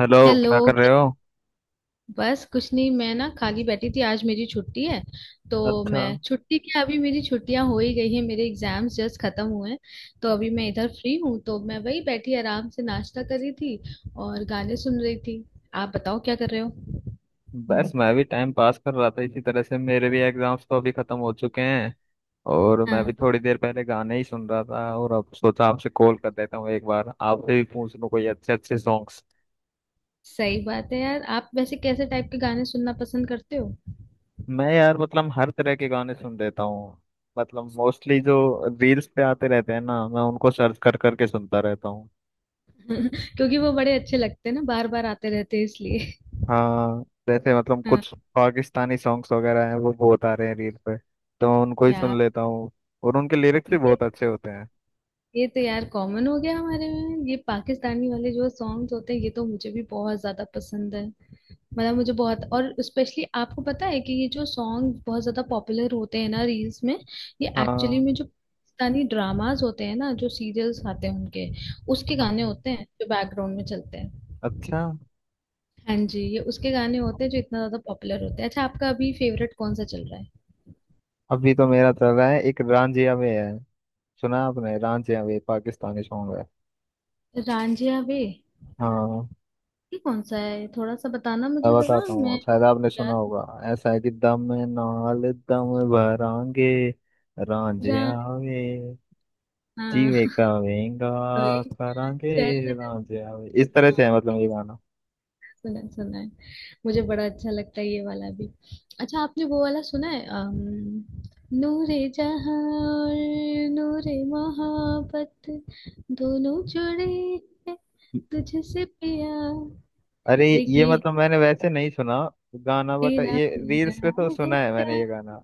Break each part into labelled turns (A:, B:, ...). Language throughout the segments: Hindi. A: हेलो।
B: हेलो।
A: क्या कर रहे हो?
B: बस कुछ नहीं, मैं ना खाली बैठी थी, आज मेरी छुट्टी है तो।
A: अच्छा,
B: मैं छुट्टी क्या, अभी मेरी छुट्टियां हो ही गई है, मेरे एग्जाम्स जस्ट खत्म हुए हैं, तो अभी मैं इधर फ्री हूँ, तो मैं वही बैठी आराम से नाश्ता कर रही थी और गाने सुन रही थी। आप बताओ क्या कर रहे हो?
A: बस मैं भी टाइम पास कर रहा था इसी तरह से। मेरे भी एग्जाम्स तो अभी खत्म हो चुके हैं और मैं भी
B: हाँ,
A: थोड़ी देर पहले गाने ही सुन रहा था, और अब सोचा आपसे कॉल कर देता हूँ, एक बार आपसे भी पूछ लूँ कोई अच्छे अच्छे सॉन्ग्स।
B: सही बात है यार। आप वैसे कैसे टाइप के गाने सुनना पसंद करते हो?
A: मैं यार हर तरह के गाने सुन लेता हूँ। मोस्टली जो रील्स पे आते रहते हैं ना, मैं उनको सर्च कर करके सुनता रहता हूँ।
B: क्योंकि वो बड़े अच्छे लगते हैं ना, बार बार आते रहते हैं इसलिए।
A: हाँ। जैसे
B: हाँ।
A: कुछ पाकिस्तानी सॉन्ग्स वगैरह हैं, वो बहुत आ रहे हैं रील पे, तो मैं उनको ही
B: यार।
A: सुन लेता हूँ। और उनके लिरिक्स भी
B: ये
A: बहुत अच्छे होते हैं।
B: ये तो यार कॉमन हो गया हमारे में। ये पाकिस्तानी वाले जो सॉन्ग्स होते हैं ये तो मुझे भी बहुत ज्यादा पसंद है। मतलब मुझे बहुत, और स्पेशली आपको पता है कि ये जो सॉन्ग बहुत ज्यादा पॉपुलर होते हैं ना रील्स में, ये
A: हाँ
B: एक्चुअली
A: हाँ।
B: में जो पाकिस्तानी ड्रामास होते हैं ना, जो सीरियल्स आते हैं उनके, उसके गाने
A: हाँ।
B: होते हैं जो बैकग्राउंड में चलते हैं।
A: अच्छा,
B: हाँ जी, ये उसके गाने होते हैं जो इतना ज्यादा पॉपुलर होते हैं। अच्छा, आपका अभी फेवरेट कौन सा चल रहा है?
A: अभी तो मेरा चल रहा है एक रांझिया वे है। सुना आपने? रांझिया वे, पाकिस्तानी सॉन्ग है।
B: रांझिया वे?
A: हाँ,
B: ये कौन सा है, थोड़ा सा बताना
A: मैं
B: मुझे जरा।
A: बताता हूँ,
B: मैं
A: शायद आपने सुना
B: याद।
A: होगा। ऐसा है कि दम नाल दम भरांगे
B: जा।
A: रांझिया वे,
B: हाँ।
A: जीवे का वेंगा
B: तो एक।
A: करांगे
B: चैल।
A: रांझिया वे। इस तरह
B: हाँ,
A: से है ये गाना।
B: सुना है सुना है। मुझे बड़ा अच्छा लगता है ये वाला भी। अच्छा, आपने वो वाला सुना है नूरे जहां और नूरे मोहब्बत, दोनों जुड़े हैं, तुझसे पिया?
A: अरे
B: एक
A: ये
B: ये,
A: मैंने वैसे नहीं सुना गाना, बट
B: तेरा
A: ये
B: मेरा
A: रील्स पे तो
B: है
A: सुना है मैंने
B: प्यार।
A: ये गाना।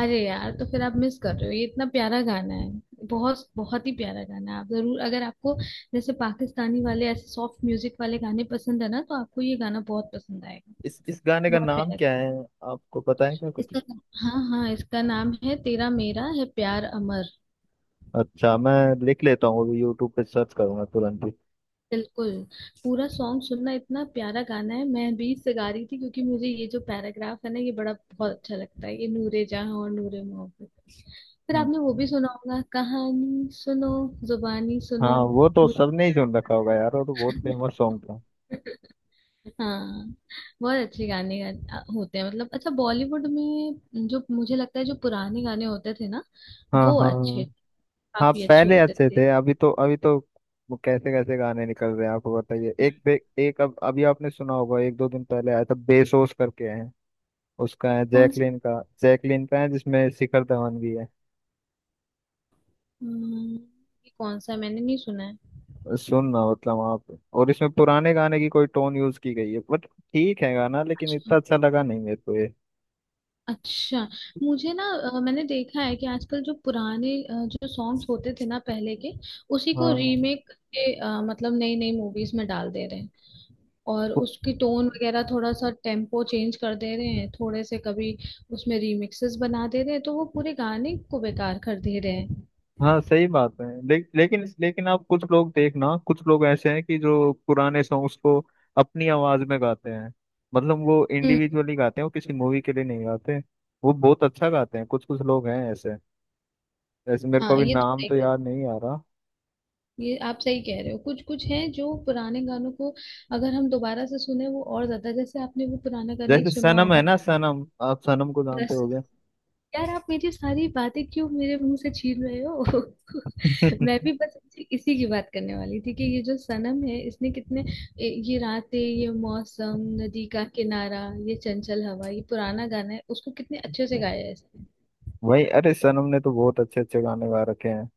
B: अरे यार, तो फिर आप मिस कर रहे हो। ये इतना प्यारा गाना है। बहुत बहुत ही प्यारा गाना है। आप जरूर, अगर आपको जैसे पाकिस्तानी वाले ऐसे सॉफ्ट म्यूजिक वाले गाने पसंद है ना, तो आपको ये गाना बहुत पसंद आएगा।
A: इस गाने का
B: बहुत
A: नाम
B: प्यारा है।
A: क्या है? आपको पता है क्या कुछ?
B: इसका, हाँ हाँ, इसका नाम है तेरा मेरा है प्यार अमर।
A: अच्छा मैं लिख लेता हूँ, अभी यूट्यूब पे सर्च करूंगा तुरंत ही।
B: बिल्कुल पूरा सॉन्ग सुनना, इतना प्यारा गाना है। मैं बीच से गा रही थी क्योंकि मुझे ये जो पैराग्राफ है ना ये बड़ा बहुत अच्छा लगता है, ये नूरे जहां और नूरे मोहब्बत। फिर
A: हम्म,
B: आपने वो भी सुना होगा, कहानी सुनो, जुबानी
A: हाँ,
B: सुनो।
A: वो तो सबने ही सुन रखा होगा यार, वो तो बहुत फेमस सॉन्ग था।
B: हाँ, बहुत अच्छे गाने होते हैं। मतलब अच्छा, बॉलीवुड में जो मुझे लगता है जो पुराने गाने होते थे ना,
A: हाँ
B: वो
A: हाँ।
B: अच्छे,
A: हाँ,
B: काफी अच्छे
A: पहले
B: होते
A: अच्छे
B: थे।
A: थे, अभी तो वो कैसे कैसे गाने निकल रहे हैं आपको बताइए। एक एक अब अभी आपने सुना होगा, एक दो दिन पहले आया था, बेसोस करके है उसका, है
B: कौन सा?
A: जैकलिन का। जैकलिन का है जिसमें शिखर धवन भी है।
B: हम्म, ये कौन सा, मैंने नहीं सुना है।
A: सुनना, आप। और इसमें पुराने गाने की कोई टोन यूज की गई है, बट ठीक है गाना, लेकिन
B: अच्छा।
A: इतना अच्छा लगा नहीं मेरे को ये।
B: अच्छा, मुझे ना मैंने देखा है कि आजकल जो पुराने जो सॉन्ग्स होते थे ना पहले के, उसी को
A: हाँ।
B: रीमेक के मतलब नई नई मूवीज में डाल दे रहे हैं। और
A: पु-
B: उसकी टोन वगैरह थोड़ा सा टेम्पो चेंज कर दे रहे हैं, थोड़े से कभी उसमें रीमिक्सेस बना दे रहे हैं, तो वो पूरे गाने को बेकार कर दे रहे हैं।
A: हाँ सही बात है। लेकिन लेकिन आप, कुछ लोग देखना, कुछ लोग ऐसे हैं कि जो पुराने सॉन्ग्स को अपनी आवाज में गाते हैं। वो
B: हम्म।
A: इंडिविजुअली गाते हैं, वो किसी मूवी के लिए नहीं गाते। वो बहुत अच्छा गाते हैं, कुछ कुछ लोग हैं ऐसे। जैसे मेरे को
B: हाँ
A: अभी
B: ये तो
A: नाम
B: है।
A: तो याद नहीं आ रहा।
B: ये आप सही कह रहे हो, कुछ कुछ है जो पुराने गानों को, अगर हम दोबारा से सुने वो और ज्यादा, जैसे आपने वो पुराना गाना एक
A: जैसे
B: सुना
A: सनम है
B: होगा।
A: ना, सनम, आप सनम को जानते
B: बस,
A: होगे।
B: यार आप मेरी सारी बातें क्यों मेरे मुंह से छीन रहे हो? मैं भी बस इसी इसी की बात करने वाली थी कि ये जो सनम है, इसने कितने, ये रातें, ये मौसम, नदी का किनारा, ये चंचल हवा, ये पुराना गाना है, उसको कितने अच्छे से गाया है इसने।
A: वही, अरे सनम ने तो बहुत अच्छे अच्छे गाने गा रखे हैं।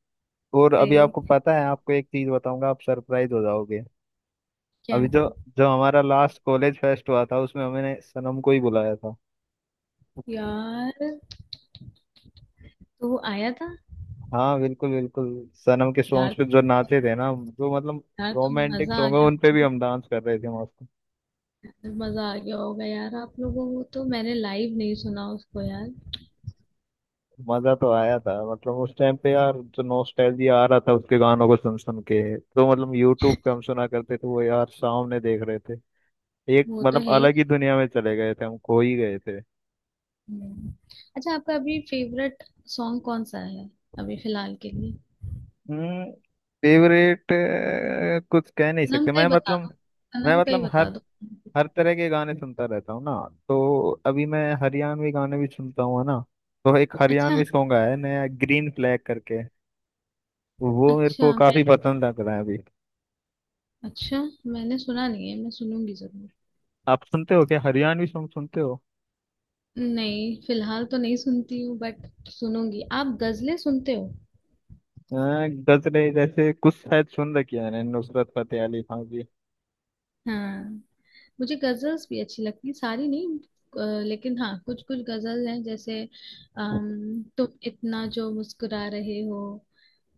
A: और अभी
B: भाई,
A: आपको पता है, आपको एक चीज बताऊंगा, आप सरप्राइज हो जाओगे।
B: क्या?
A: अभी जो जो हमारा लास्ट कॉलेज फेस्ट हुआ था, उसमें हमने सनम को ही बुलाया था।
B: यार, तो वो आया था?
A: हाँ, बिल्कुल बिल्कुल। सनम के
B: यार
A: सॉन्ग्स पे जो
B: तो,
A: नाचे थे ना, जो
B: यार तो
A: रोमांटिक
B: मजा आ
A: सॉन्ग है उन पे
B: गया।
A: भी हम डांस कर रहे थे मस्त।
B: मजा आ गया होगा यार आप लोगों को, तो मैंने लाइव नहीं सुना उसको यार।
A: मजा तो आया था, उस टाइम पे यार जो नॉस्टैल्जिया आ रहा था उसके गानों को सुन सुन के, तो यूट्यूब पे हम सुना करते थे, वो यार सामने देख रहे थे। एक
B: वो तो है ही।
A: अलग ही दुनिया में चले गए थे, हम खो ही गए थे।
B: हम्म। अच्छा, आपका अभी फेवरेट सॉन्ग कौन सा है, अभी फिलहाल के लिए?
A: हम्म फेवरेट कुछ कह नहीं
B: सनम
A: सकते।
B: का ही बता दो,
A: मैं
B: सनम का ही
A: मतलब हर
B: बता दो।
A: हर तरह के गाने सुनता रहता हूँ ना, तो अभी मैं हरियाणवी गाने भी सुनता हूँ, है ना। तो एक
B: अच्छा,
A: हरियाणवी सॉन्ग आया है नया, ग्रीन फ्लैग करके, वो मेरे
B: अच्छा
A: को
B: मैं,
A: काफी पसंद लग रहा है अभी।
B: अच्छा, मैंने सुना नहीं है, मैं सुनूंगी जरूर।
A: आप सुनते हो क्या? हरियाणवी सॉन्ग सुनते हो?
B: नहीं, फिलहाल तो नहीं सुनती हूँ, बट सुनूंगी। आप गजलें सुनते हो?
A: अ, गजरे जैसे कुछ शायद सुन रखी है मैंने, नुसरत फतेह अली खान की।
B: हाँ, मुझे गजल्स भी अच्छी लगती है, सारी नहीं, लेकिन हाँ कुछ कुछ गजल हैं जैसे, तुम इतना जो मुस्कुरा रहे हो,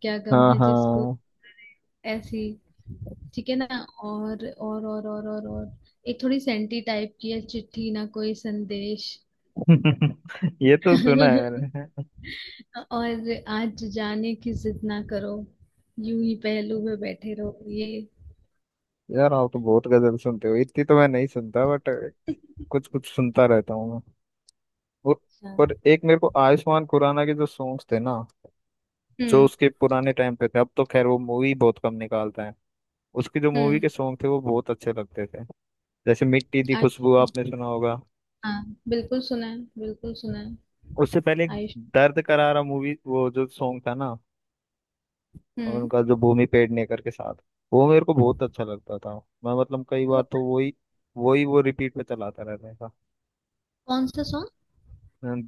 B: क्या गम
A: हाँ
B: है जिसको,
A: हाँ।
B: ऐसी। ठीक है ना? और एक थोड़ी सेंटी टाइप की है, चिट्ठी ना कोई संदेश।
A: ये तो सुना है मैंने।
B: और आज जाने की जिद ना करो, यूं ही पहलू में बैठे रहो, ये।
A: यार आप तो बहुत गजल सुनते हो, इतनी तो मैं नहीं सुनता, बट कुछ कुछ सुनता रहता हूँ मैं। और,
B: अच्छा।
A: और एक, मेरे को आयुष्मान खुराना के जो सॉन्ग्स थे ना, जो
B: हम्म।
A: उसके पुराने टाइम पे थे। अब तो खैर वो मूवी बहुत कम निकालता है, उसकी जो मूवी
B: हम्म।
A: के सॉन्ग थे वो बहुत अच्छे लगते थे। जैसे मिट्टी दी खुशबू
B: आयुष,
A: आपने सुना होगा।
B: हाँ बिल्कुल सुना है, बिल्कुल सुना है।
A: उससे पहले एक
B: आयुष।
A: दर्द करारा मूवी, वो जो सॉन्ग था ना
B: हम्म।
A: उनका, जो भूमि पेडनेकर के साथ, वो मेरे को बहुत अच्छा लगता था। मैं कई
B: तो
A: बार तो वही वही वो रिपीट पे चलाता रहता था।
B: कौन सा सॉन्ग?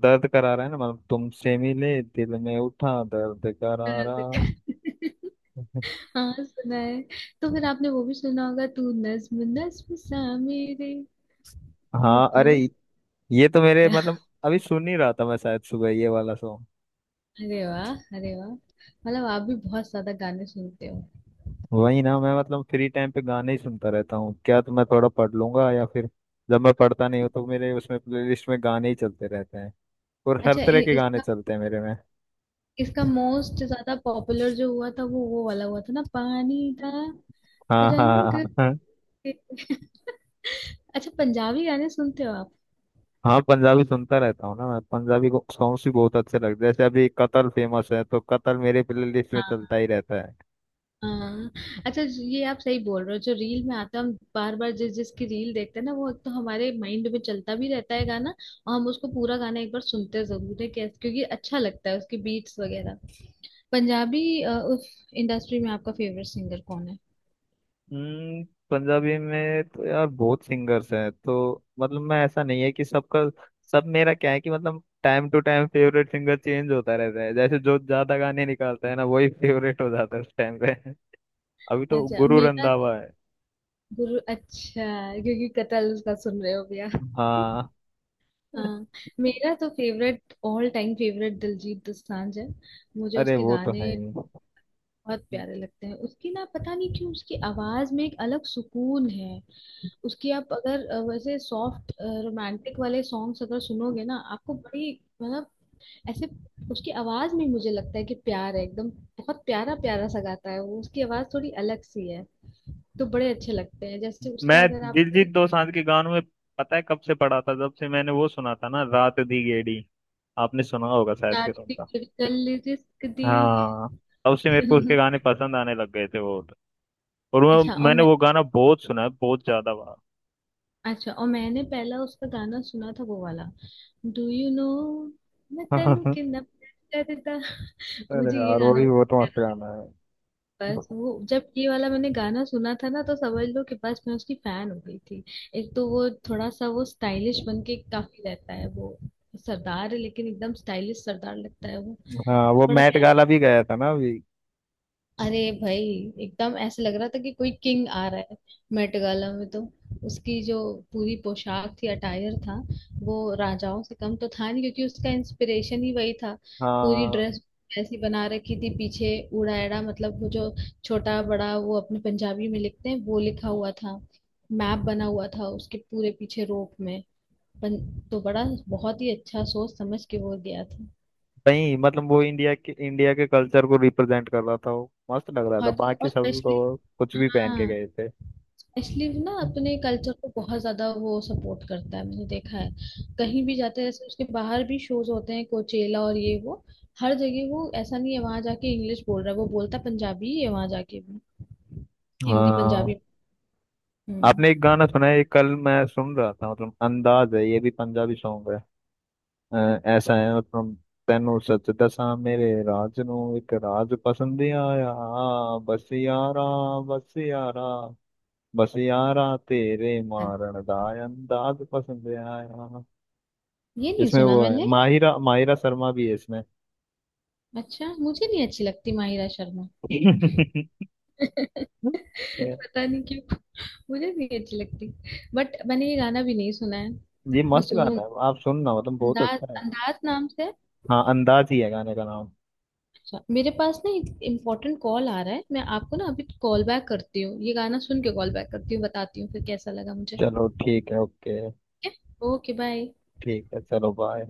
A: दर्द करारा है ना, तुमसे मिले दिल में उठा दर्द करारा।
B: हाँ सुना है। तो फिर आपने वो भी सुना होगा, तू नज्म नज्म सा मेरे
A: हाँ
B: होठों।
A: अरे ये तो मेरे अभी सुन ही रहा था मैं शायद सुबह ये वाला सॉन्ग।
B: अरे वाह, अरे वाह! मतलब आप भी बहुत ज्यादा गाने सुनते हो।
A: वही ना, मैं मतलब फ्री टाइम पे गाने ही सुनता रहता हूँ क्या। तो मैं थोड़ा पढ़ लूंगा, या फिर जब मैं पढ़ता नहीं हूँ तो मेरे उसमें प्लेलिस्ट में गाने ही चलते रहते हैं। और हर
B: अच्छा
A: तरह के गाने
B: इसका,
A: चलते हैं मेरे में।
B: इसका मोस्ट ज्यादा पॉपुलर जो हुआ था, वो वाला हुआ था ना, पानी का
A: हाँ हाँ
B: रंग।
A: हाँ।
B: अच्छा, पंजाबी गाने सुनते हो आप?
A: हाँ पंजाबी सुनता रहता हूँ ना मैं, पंजाबी सॉन्ग्स भी बहुत अच्छे लगते हैं। जैसे अभी कतल फेमस है, तो कतल मेरे प्लेलिस्ट में चलता ही
B: हाँ।
A: रहता है।
B: हाँ। अच्छा, ये आप सही बोल रहे हो, जो रील में आता है, हम बार बार जिस जिसकी रील देखते हैं ना, वो एक तो हमारे माइंड में चलता भी रहता है गाना। और हम उसको पूरा गाना एक बार सुनते जरूर है कैसे, क्योंकि अच्छा लगता है उसकी बीट्स वगैरह। पंजाबी उस इंडस्ट्री में आपका फेवरेट सिंगर कौन है?
A: हम्म, पंजाबी में तो यार बहुत सिंगर्स हैं, तो मैं, ऐसा नहीं है कि सबका सब। मेरा क्या है कि time to time favourite singer change होता रहता है, जैसे जो ज्यादा गाने निकालता है ना वही फेवरेट हो जाता है उस टाइम पे। अभी तो
B: अच्छा
A: गुरु
B: मेरा,
A: रंधावा है।
B: गुरु, अच्छा, क्योंकि कतल का सुन रहे हो भैया।
A: हाँ,
B: हाँ। मेरा तो favourite, all time favourite Diljit Dosanjh है। मुझे
A: अरे
B: उसके
A: वो तो
B: गाने
A: है ही।
B: बहुत प्यारे लगते हैं। उसकी ना पता नहीं क्यों उसकी आवाज में एक अलग सुकून है। उसकी आप अगर वैसे सॉफ्ट रोमांटिक वाले सॉन्ग्स अगर सुनोगे ना, आपको बड़ी, मतलब ऐसे, उसकी आवाज में मुझे लगता है कि प्यार है एकदम। बहुत प्यारा प्यारा सा गाता है वो, उसकी आवाज थोड़ी अलग सी है, तो बड़े अच्छे लगते हैं। जैसे
A: मैं
B: उसका अगर
A: दिलजीत
B: आपने,
A: दोसांझ के गानों में पता है कब से पड़ा था? जब से मैंने वो सुना था ना, रात दी गेड़ी, आपने सुना होगा शायद, फिर उनका।
B: कल, रिस्क दी।
A: हाँ, तब से मेरे को उसके गाने पसंद आने लग गए थे।
B: अच्छा और
A: मैंने
B: मैं,
A: वो गाना बहुत सुना है, बहुत ज्यादा बार।
B: अच्छा और मैंने पहला उसका गाना सुना था वो वाला, डू यू नो, मैं तेनू किडनैप करता।
A: अरे
B: मुझे ये
A: यार वो
B: गाना,
A: भी बहुत मस्त गाना है।
B: बस वो जब ये वाला मैंने गाना सुना था ना तो समझ लो कि बस मैं उसकी फैन हो गई थी। एक तो वो थोड़ा सा वो स्टाइलिश बन के काफी रहता है वो, सरदार है लेकिन एकदम स्टाइलिश सरदार लगता है वो।
A: हाँ
B: तो
A: वो
B: बड़ा
A: मैट
B: प्यारा,
A: गाला भी गया था ना अभी।
B: अरे भाई, एकदम ऐसे लग रहा था कि कोई किंग आ रहा है मेट गाला में तो। उसकी जो पूरी पोशाक थी, अटायर था, वो राजाओं से कम तो था नहीं, क्योंकि उसका इंस्पिरेशन ही वही था। पूरी
A: हाँ,
B: ड्रेस ऐसी बना रखी थी पीछे। ऊड़ा एड़ा मतलब, वो जो छोटा बड़ा वो अपने पंजाबी में लिखते हैं, वो लिखा हुआ था। मैप बना हुआ था उसके पूरे पीछे रोप में। पन, तो बड़ा, बहुत ही अच्छा सोच समझ के वो गया था।
A: वही वो इंडिया के कल्चर को रिप्रेजेंट कर रहा था, वो मस्त लग रहा था,
B: बहुत,
A: बाकी
B: और
A: सब
B: स्पेशली,
A: तो कुछ भी पहन के
B: हाँ,
A: गए थे।
B: स्लीव ना अपने कल्चर को बहुत ज्यादा वो सपोर्ट करता है, मैंने देखा है। कहीं भी जाते हैं, जैसे उसके बाहर भी शोज होते हैं कोचेला और ये वो, हर जगह वो ऐसा नहीं है वहां जाके इंग्लिश बोल रहा है, वो बोलता है पंजाबी ही है वहां जाके भी। हिंदी
A: हाँ।
B: पंजाबी। हम्म।
A: आपने एक गाना सुना है, ये कल मैं सुन रहा था, अंदाज है, ये भी पंजाबी सॉन्ग है। ਅਹ ਐਸਾ ਹੈ ਮਤਲਬ ਤੈਨੂੰ ਸੱਚ ਦੱਸਾਂ, ਮੇਰੇ ਰਾਜ ਨੂੰ ਇੱਕ ਰਾਜ ਪਸੰਦ ਆਇਆ। ਬਸ ਯਾਰਾ ਬਸ ਯਾਰਾ ਬਸ ਯਾਰਾ ਤੇਰੇ ਮਾਰਨ ਦਾ ਅੰਦਾਜ਼ ਪਸੰਦ ਆਇਆ।
B: ये नहीं
A: इसमें
B: सुना
A: वो है
B: मैंने।
A: माहिरा माहिरा शर्मा भी है इसमें।
B: अच्छा, मुझे नहीं अच्छी लगती माहिरा शर्मा। पता नहीं क्यों, मुझे नहीं अच्छी लगती। बट मैंने ये गाना भी नहीं सुना है।
A: ये
B: मैं
A: मस्त गाना
B: सुनूंगी।
A: है, आप सुनना, बहुत
B: अंदाज,
A: अच्छा है।
B: अंदाज नाम से।
A: हाँ, अंदाज ही है गाने का नाम।
B: अच्छा, मेरे पास ना एक इम्पोर्टेंट कॉल आ रहा है, मैं आपको ना अभी कॉल बैक करती हूँ। ये गाना सुन के कॉल बैक करती हूँ, बताती हूँ फिर कैसा लगा मुझे।
A: चलो ठीक है, ओके।
B: ठीक है, ओके बाय।
A: ठीक है, चलो, बाय।